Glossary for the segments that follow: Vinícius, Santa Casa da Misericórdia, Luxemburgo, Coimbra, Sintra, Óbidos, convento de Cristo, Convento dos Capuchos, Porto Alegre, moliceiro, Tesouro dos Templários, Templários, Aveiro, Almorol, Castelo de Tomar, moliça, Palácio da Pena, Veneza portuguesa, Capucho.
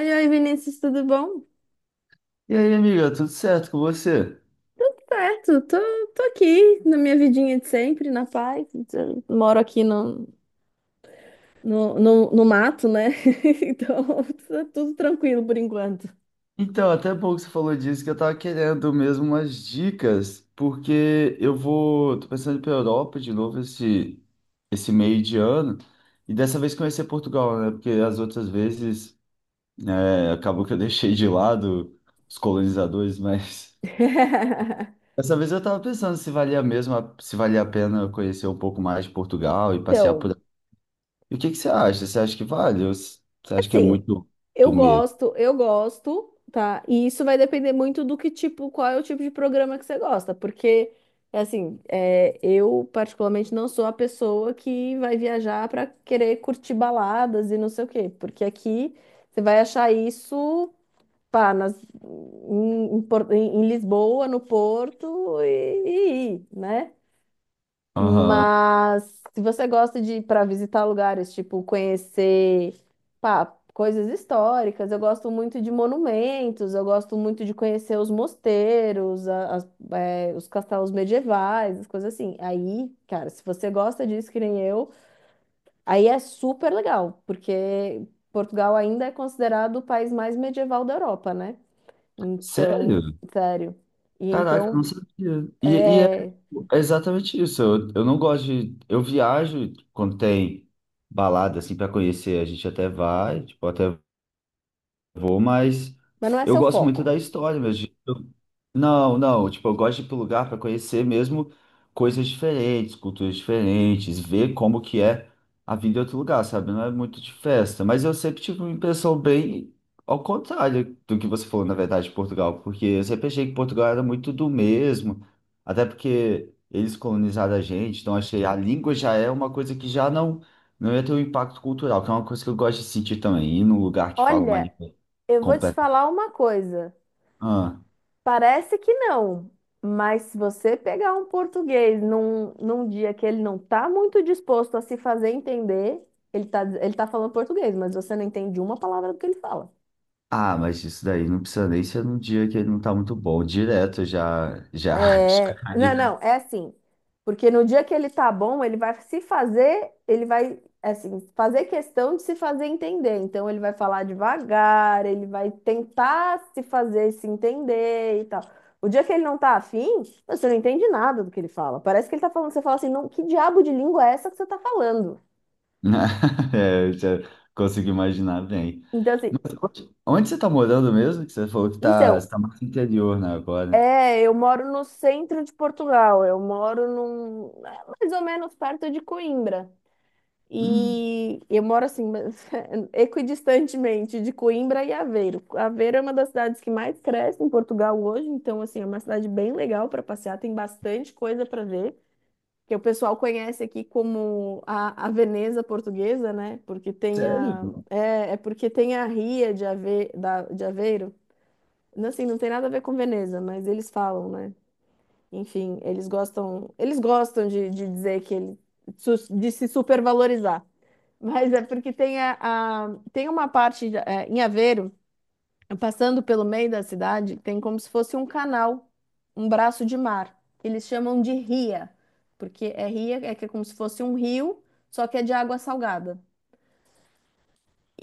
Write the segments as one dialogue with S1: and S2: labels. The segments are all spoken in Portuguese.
S1: Oi, oi, Vinícius, tudo bom?
S2: E aí, amiga, tudo certo com você?
S1: Certo, tô aqui na minha vidinha de sempre, na paz. Eu moro aqui no mato, né? Então, tá tudo tranquilo por enquanto.
S2: Então, até bom que você falou disso, que eu tava querendo mesmo umas dicas, porque tô pensando em ir pra Europa de novo esse meio de ano, e dessa vez conhecer Portugal, né? Porque as outras vezes, acabou que eu deixei de lado os colonizadores, mas dessa vez eu tava pensando se valia mesmo, se valia a pena eu conhecer um pouco mais de Portugal e passear
S1: Então,
S2: por... E o que que você acha? Você acha que vale? Ou você acha que é
S1: assim,
S2: muito,
S1: eu
S2: do medo?
S1: gosto, eu gosto, tá? E isso vai depender muito do que tipo, qual é o tipo de programa que você gosta, porque assim, eu particularmente não sou a pessoa que vai viajar para querer curtir baladas e não sei o quê, porque aqui você vai achar isso, pá, nas, em, em Por- em- em Lisboa, no Porto, né?
S2: Aham.
S1: Mas se você gosta de ir para visitar lugares, tipo conhecer pá, coisas históricas, eu gosto muito de monumentos, eu gosto muito de conhecer os mosteiros, os castelos medievais, as coisas assim. Aí, cara, se você gosta disso, que nem eu, aí é super legal, porque Portugal ainda é considerado o país mais medieval da Europa, né?
S2: Sério?
S1: Então, sério. E
S2: Caraca, eu não
S1: então,
S2: sabia. E
S1: é...
S2: é exatamente isso. Eu não gosto de. Eu viajo quando tem balada, assim, para conhecer. A gente até vai, tipo, até vou, mas
S1: mas não é
S2: eu
S1: seu
S2: gosto muito da
S1: foco.
S2: história mesmo. Não, não, tipo, eu gosto de ir pro lugar para conhecer mesmo coisas diferentes, culturas diferentes, ver como que é a vida em outro lugar, sabe? Não é muito de festa, mas eu sempre tive uma impressão bem ao contrário do que você falou, na verdade, de Portugal, porque eu sempre achei que Portugal era muito do mesmo, até porque eles colonizaram a gente, então achei a língua já é uma coisa que já não, não ia ter um impacto cultural, que é uma coisa que eu gosto de sentir também, ir num lugar que fala uma
S1: Olha.
S2: língua
S1: Eu vou te
S2: completa.
S1: falar uma coisa.
S2: Ah.
S1: Parece que não, mas se você pegar um português num dia que ele não está muito disposto a se fazer entender, ele tá falando português, mas você não entende uma palavra do que ele fala.
S2: Ah, mas isso daí não precisa nem ser num dia que ele não tá muito bom. Direto já,
S1: É, não,
S2: caiu,
S1: não, é assim. Porque no dia que ele tá bom, ele vai, assim, fazer questão de se fazer entender. Então, ele vai falar devagar, ele vai tentar se fazer se entender e tal. O dia que ele não tá afim, você não entende nada do que ele fala. Parece que ele tá falando, você fala assim, não, que diabo de língua é essa que você tá falando?
S2: né? é, eu já consigo imaginar bem.
S1: Então, assim,
S2: Mas onde você tá morando mesmo? Que você falou que tá,
S1: então,
S2: você tá mais no interior, né, agora.
S1: eu moro no centro de Portugal, eu moro mais ou menos perto de Coimbra.
S2: Hum,
S1: E eu moro assim, mas equidistantemente de Coimbra e Aveiro. Aveiro é uma das cidades que mais cresce em Portugal hoje, então assim, é uma cidade bem legal para passear, tem bastante coisa para ver, que o pessoal conhece aqui como a Veneza portuguesa, né? Porque tem
S2: sério?
S1: a é, é porque tem a Ria de Aveiro. Não, assim, não tem nada a ver com Veneza, mas eles falam, né? Enfim, eles gostam de dizer que ele de se supervalorizar. Mas é porque tem uma parte em Aveiro, passando pelo meio da cidade, tem como se fosse um canal, um braço de mar. Eles chamam de ria, porque é ria, é que é como se fosse um rio, só que é de água salgada.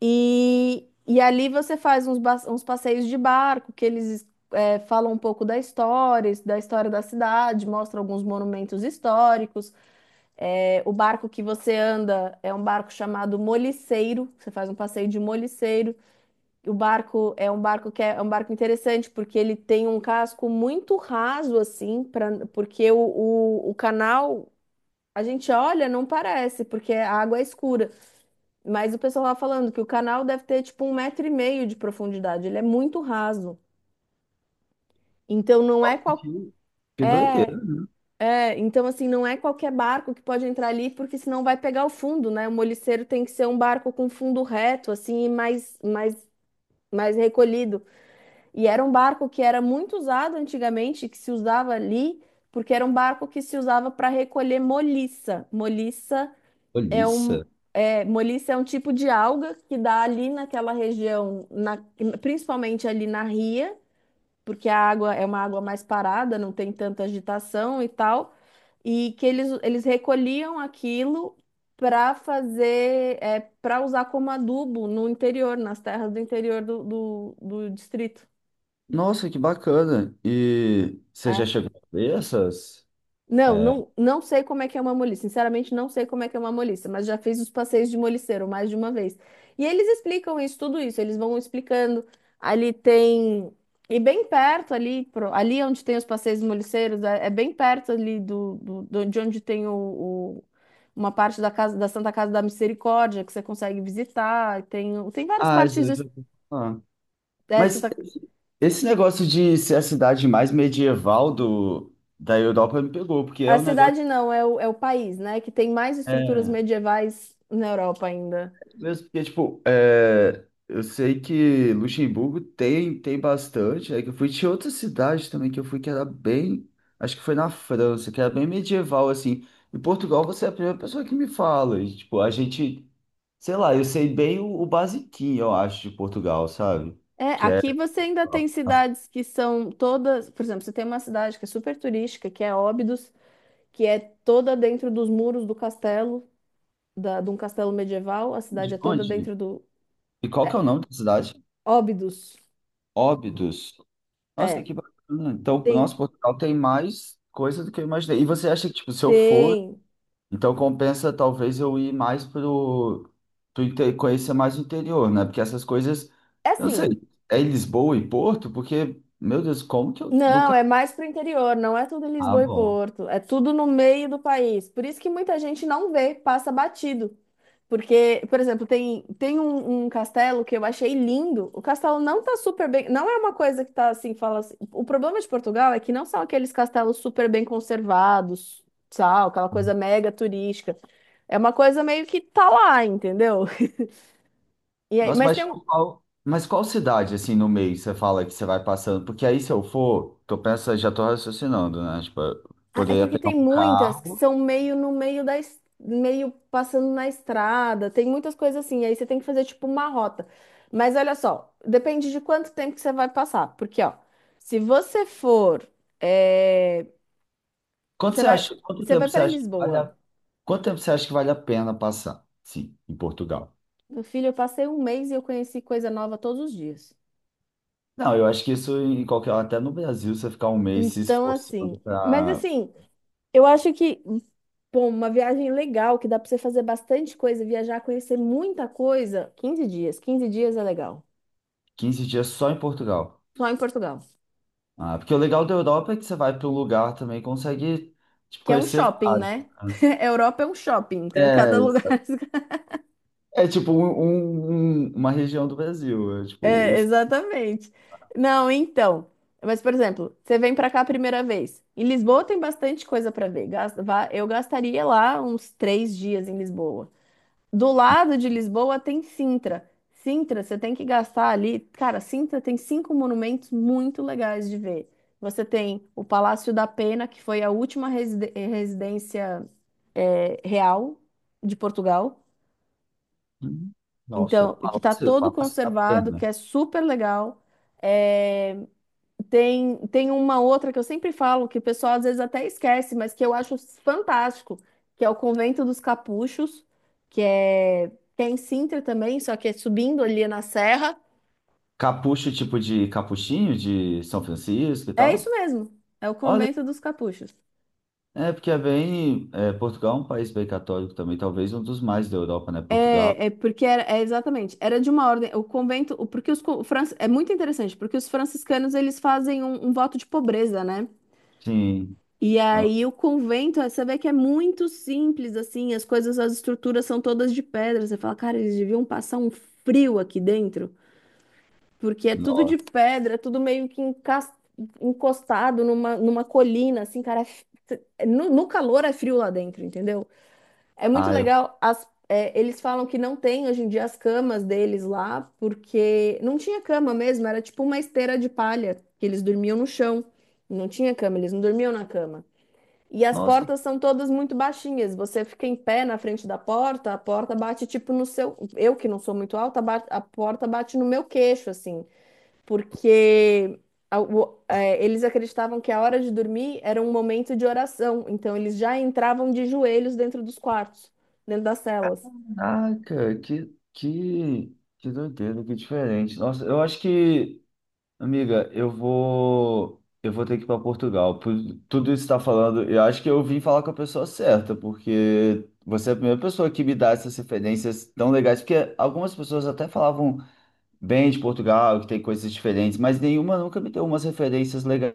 S1: E ali você faz uns passeios de barco, que eles falam um pouco da história, da história da cidade, mostram alguns monumentos históricos. É, o barco que você anda é um barco chamado moliceiro, você faz um passeio de moliceiro. O barco é um barco que é um barco interessante porque ele tem um casco muito raso assim, porque o canal a gente olha não parece porque a água é escura, mas o pessoal lá falando que o canal deve ter tipo um metro e meio de profundidade, ele é muito raso. Então não é
S2: Nossa,
S1: qual
S2: que doideira.
S1: então assim, não é qualquer barco que pode entrar ali, porque senão vai pegar o fundo, né? O moliceiro tem que ser um barco com fundo reto, assim, e mais recolhido. E era um barco que era muito usado antigamente, que se usava ali, porque era um barco que se usava para recolher moliça. Moliça é um,
S2: Olhiça.
S1: é um tipo de alga que dá ali naquela região, principalmente ali na ria porque a água é uma água mais parada, não tem tanta agitação e tal, e que eles recolhiam aquilo para fazer, para usar como adubo no interior, nas terras do interior do distrito.
S2: Nossa, que bacana. E você já
S1: É.
S2: chegou a ver essas?
S1: Não,
S2: É.
S1: não, não sei como é que é uma moliça. Sinceramente, não sei como é que é uma moliça, mas já fiz os passeios de moliceiro mais de uma vez. E eles explicam isso, tudo isso, eles vão explicando. Ali tem. E bem perto ali, ali onde tem os passeios de moliceiros, é bem perto ali de onde tem uma parte da casa da Santa Casa da Misericórdia que você consegue visitar. Tem várias
S2: Ah, isso
S1: partes
S2: eu já
S1: des-
S2: ouvi falar. Mas
S1: dessa.
S2: esse negócio de ser a cidade mais medieval da Europa me pegou, porque é
S1: A
S2: um negócio.
S1: cidade não, é o país, né? Que tem mais estruturas
S2: É,
S1: medievais na Europa ainda.
S2: mesmo porque, tipo, é, eu sei que Luxemburgo tem, tem bastante. É que eu fui de outra cidade também que eu fui que era bem. Acho que foi na França, que era bem medieval, assim. Em Portugal, você é a primeira pessoa que me fala. E, tipo, a gente. Sei lá, eu sei bem o basiquinho, eu acho, de Portugal, sabe?
S1: É,
S2: Que é.
S1: aqui você ainda
S2: a-
S1: tem
S2: a-
S1: cidades que são todas, por exemplo, você tem uma cidade que é super turística, que é Óbidos, que é toda dentro dos muros do castelo, de um castelo medieval, a cidade
S2: De
S1: é toda
S2: onde?
S1: dentro do
S2: E qual que é
S1: é,
S2: o nome da cidade?
S1: Óbidos.
S2: Óbidos. Nossa,
S1: É,
S2: que bacana. Então,
S1: tem,
S2: nosso Portugal tem mais coisa do que eu imaginei. E você acha que, tipo, se eu for,
S1: tem.
S2: então compensa talvez eu ir mais pro, conhecer mais o interior, né? Porque essas coisas,
S1: É
S2: eu não
S1: assim,
S2: sei, é em Lisboa e Porto? Porque, meu Deus, como que eu
S1: não,
S2: nunca.
S1: é mais pro interior, não é tudo em
S2: Ah,
S1: Lisboa e
S2: bom.
S1: Porto, é tudo no meio do país. Por isso que muita gente não vê, passa batido. Porque, por exemplo, tem um castelo que eu achei lindo. O castelo não tá super bem. Não é uma coisa que tá assim, fala assim. O problema de Portugal é que não são aqueles castelos super bem conservados, sabe? Aquela coisa mega turística. É uma coisa meio que tá lá, entendeu? E aí,
S2: Nossa,
S1: mas
S2: mas
S1: tem um,
S2: tipo, qual, mas qual cidade, assim, no meio você fala que você vai passando? Porque aí, se eu for, tô pensando, já tô raciocinando, né? Tipo, eu
S1: Ah, é
S2: poderia
S1: porque
S2: pegar
S1: tem
S2: um
S1: muitas que
S2: carro.
S1: são meio no meio da es- meio passando na estrada, tem muitas coisas assim, aí você tem que fazer tipo uma rota. Mas olha só, depende de quanto tempo que você vai passar, porque ó, se você for, eh,
S2: Quanto
S1: você
S2: você
S1: vai,
S2: acha? Quanto
S1: você vai
S2: tempo você
S1: para
S2: acha que vale.
S1: Lisboa.
S2: Quanto tempo você acha que vale a pena passar? Sim, em Portugal.
S1: Meu filho, eu passei um mês e eu conheci coisa nova todos os dias.
S2: Não, eu acho que isso em qualquer, até no Brasil, você ficar um mês se
S1: Então
S2: esforçando
S1: assim, mas
S2: para
S1: assim, eu acho que Bom, uma viagem legal, que dá para você fazer bastante coisa, viajar, conhecer muita coisa, Quinze dias é legal.
S2: 15 dias só em Portugal.
S1: Só em Portugal.
S2: Ah, porque o legal da Europa é que você vai para um lugar também e consegue tipo,
S1: Que é um
S2: conhecer
S1: shopping,
S2: vários.
S1: né?
S2: Né?
S1: Europa é um shopping. Cada lugar.
S2: É, é tipo uma região do Brasil. É, tipo,
S1: É,
S2: os...
S1: exatamente. Não, então. Mas, por exemplo, você vem para cá a primeira vez. Em Lisboa tem bastante coisa para ver. Eu gastaria lá uns 3 dias em Lisboa. Do lado de Lisboa tem Sintra. Sintra, você tem que gastar ali. Cara, Sintra tem cinco monumentos muito legais de ver. Você tem o Palácio da Pena, que foi a última residência real de Portugal.
S2: Nossa,
S1: Então, e que tá todo
S2: Palácio da
S1: conservado, que
S2: Pena.
S1: é super legal. É, tem uma outra que eu sempre falo, que o pessoal às vezes até esquece, mas que eu acho fantástico, que é o Convento dos Capuchos, que é, que é em Sintra também, só que é subindo ali na serra.
S2: Capucho, tipo de capuchinho de São Francisco e
S1: É isso
S2: tal.
S1: mesmo, é o
S2: Olha.
S1: Convento dos Capuchos.
S2: É, porque é bem. É, Portugal é um país bem católico também, talvez um dos mais da Europa, né? Portugal.
S1: É, é porque era, é exatamente, era de uma ordem, o convento, porque é muito interessante, porque os franciscanos, eles fazem um voto de pobreza, né?
S2: Sim.
S1: E aí o convento, você vê que é muito simples, assim, as coisas, as estruturas são todas de pedra, você fala, cara, eles deviam passar um frio aqui dentro, porque é tudo de
S2: Nossa.
S1: pedra, é tudo meio que encostado numa colina, assim, cara, no calor é frio lá dentro, entendeu? É muito
S2: Ah, eu...
S1: legal. Eles falam que não tem hoje em dia as camas deles lá, porque não tinha cama mesmo, era tipo uma esteira de palha, que eles dormiam no chão. Não tinha cama, eles não dormiam na cama. E as
S2: Nossa,
S1: portas são todas muito baixinhas. Você fica em pé na frente da porta, a porta bate tipo no seu. Eu que não sou muito alta, a porta bate no meu queixo, assim porque eles acreditavam que a hora de dormir era um momento de oração, então eles já entravam de joelhos dentro dos quartos, dentro das celas.
S2: caraca, que doideira, que diferente. Nossa, eu acho que, amiga, eu vou. Eu vou ter que ir para Portugal. Por tudo isso que está falando, eu acho que eu vim falar com a pessoa certa, porque você é a primeira pessoa que me dá essas referências tão legais, porque algumas pessoas até falavam. Bem de Portugal, que tem coisas diferentes, mas nenhuma nunca me deu umas referências legais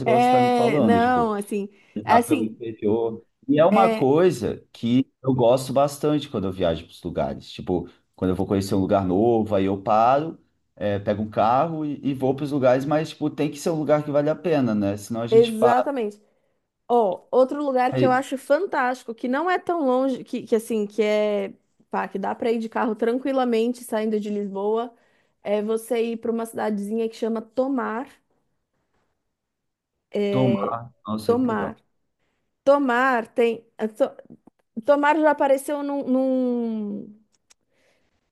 S2: igual você está me
S1: É,
S2: falando,
S1: não,
S2: tipo,
S1: assim, é
S2: viajar pelo
S1: assim,
S2: interior. E é uma
S1: é,
S2: coisa que eu gosto bastante quando eu viajo para os lugares. Tipo, quando eu vou conhecer um lugar novo, aí eu paro, pego um carro e vou para os lugares, mas, tipo, tem que ser um lugar que vale a pena, né? Senão a gente para
S1: Exatamente. Ó, outro lugar que eu
S2: e
S1: acho fantástico, que não é tão longe, que assim, pá, que dá pra ir de carro tranquilamente saindo de Lisboa, é você ir pra uma cidadezinha que chama Tomar.
S2: tomar. Nossa, que legal.
S1: Tomar. Tomar tem. Tomar já apareceu num, num,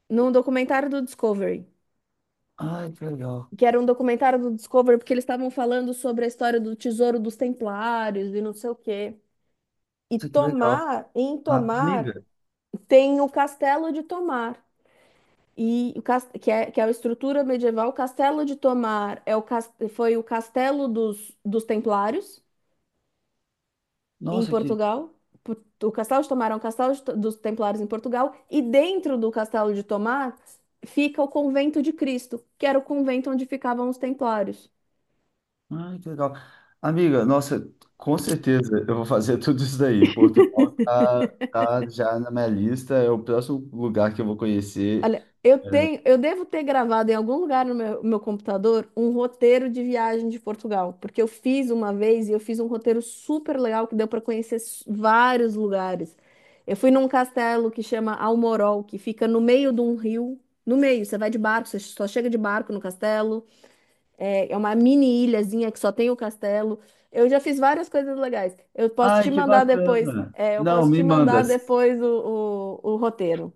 S1: num documentário do Discovery,
S2: Ai, que legal.
S1: que era um documentário do Discovery porque eles estavam falando sobre a história do Tesouro dos Templários e não sei o quê. E
S2: Nossa, que legal.
S1: Tomar, em
S2: Ah,
S1: Tomar,
S2: amiga,
S1: tem o Castelo de Tomar. E que é a estrutura medieval, o Castelo de Tomar foi o castelo dos Templários, em
S2: nossa, que
S1: Portugal. Po- O castelo de Tomar é um castelo dos Templários em Portugal, e dentro do castelo de Tomar fica o convento de Cristo, que era o convento onde ficavam os Templários.
S2: Ai, que legal. Amiga, nossa, com certeza eu vou fazer tudo isso daí. Portugal tá já na minha lista, é o próximo lugar que eu vou conhecer.
S1: Olha, eu devo ter gravado em algum lugar no meu computador um roteiro de viagem de Portugal, porque eu fiz uma vez e eu fiz um roteiro super legal que deu para conhecer vários lugares. Eu fui num castelo que chama Almorol, que fica no meio de um rio. No meio, você vai de barco, você só chega de barco no castelo. É uma mini ilhazinha que só tem o castelo. Eu já fiz várias coisas legais. Eu posso
S2: Ai,
S1: te
S2: que
S1: mandar depois.
S2: bacana.
S1: Eu
S2: Não,
S1: posso te
S2: me manda.
S1: mandar depois o roteiro.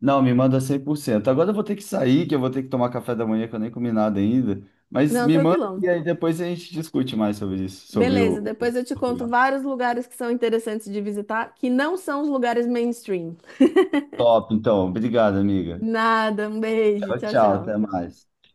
S2: Não, me manda 100%. Agora eu vou ter que sair, que eu vou ter que tomar café da manhã, que eu nem comi nada ainda. Mas
S1: Não,
S2: me manda
S1: tranquilão.
S2: e aí depois a gente discute mais sobre isso, sobre
S1: Beleza,
S2: o
S1: depois eu te conto
S2: Portugal.
S1: vários lugares que são interessantes de visitar, que não são os lugares mainstream.
S2: Top, então. Obrigado, amiga.
S1: Nada, um beijo.
S2: Tchau,
S1: Tchau,
S2: tchau. Até
S1: tchau.
S2: mais.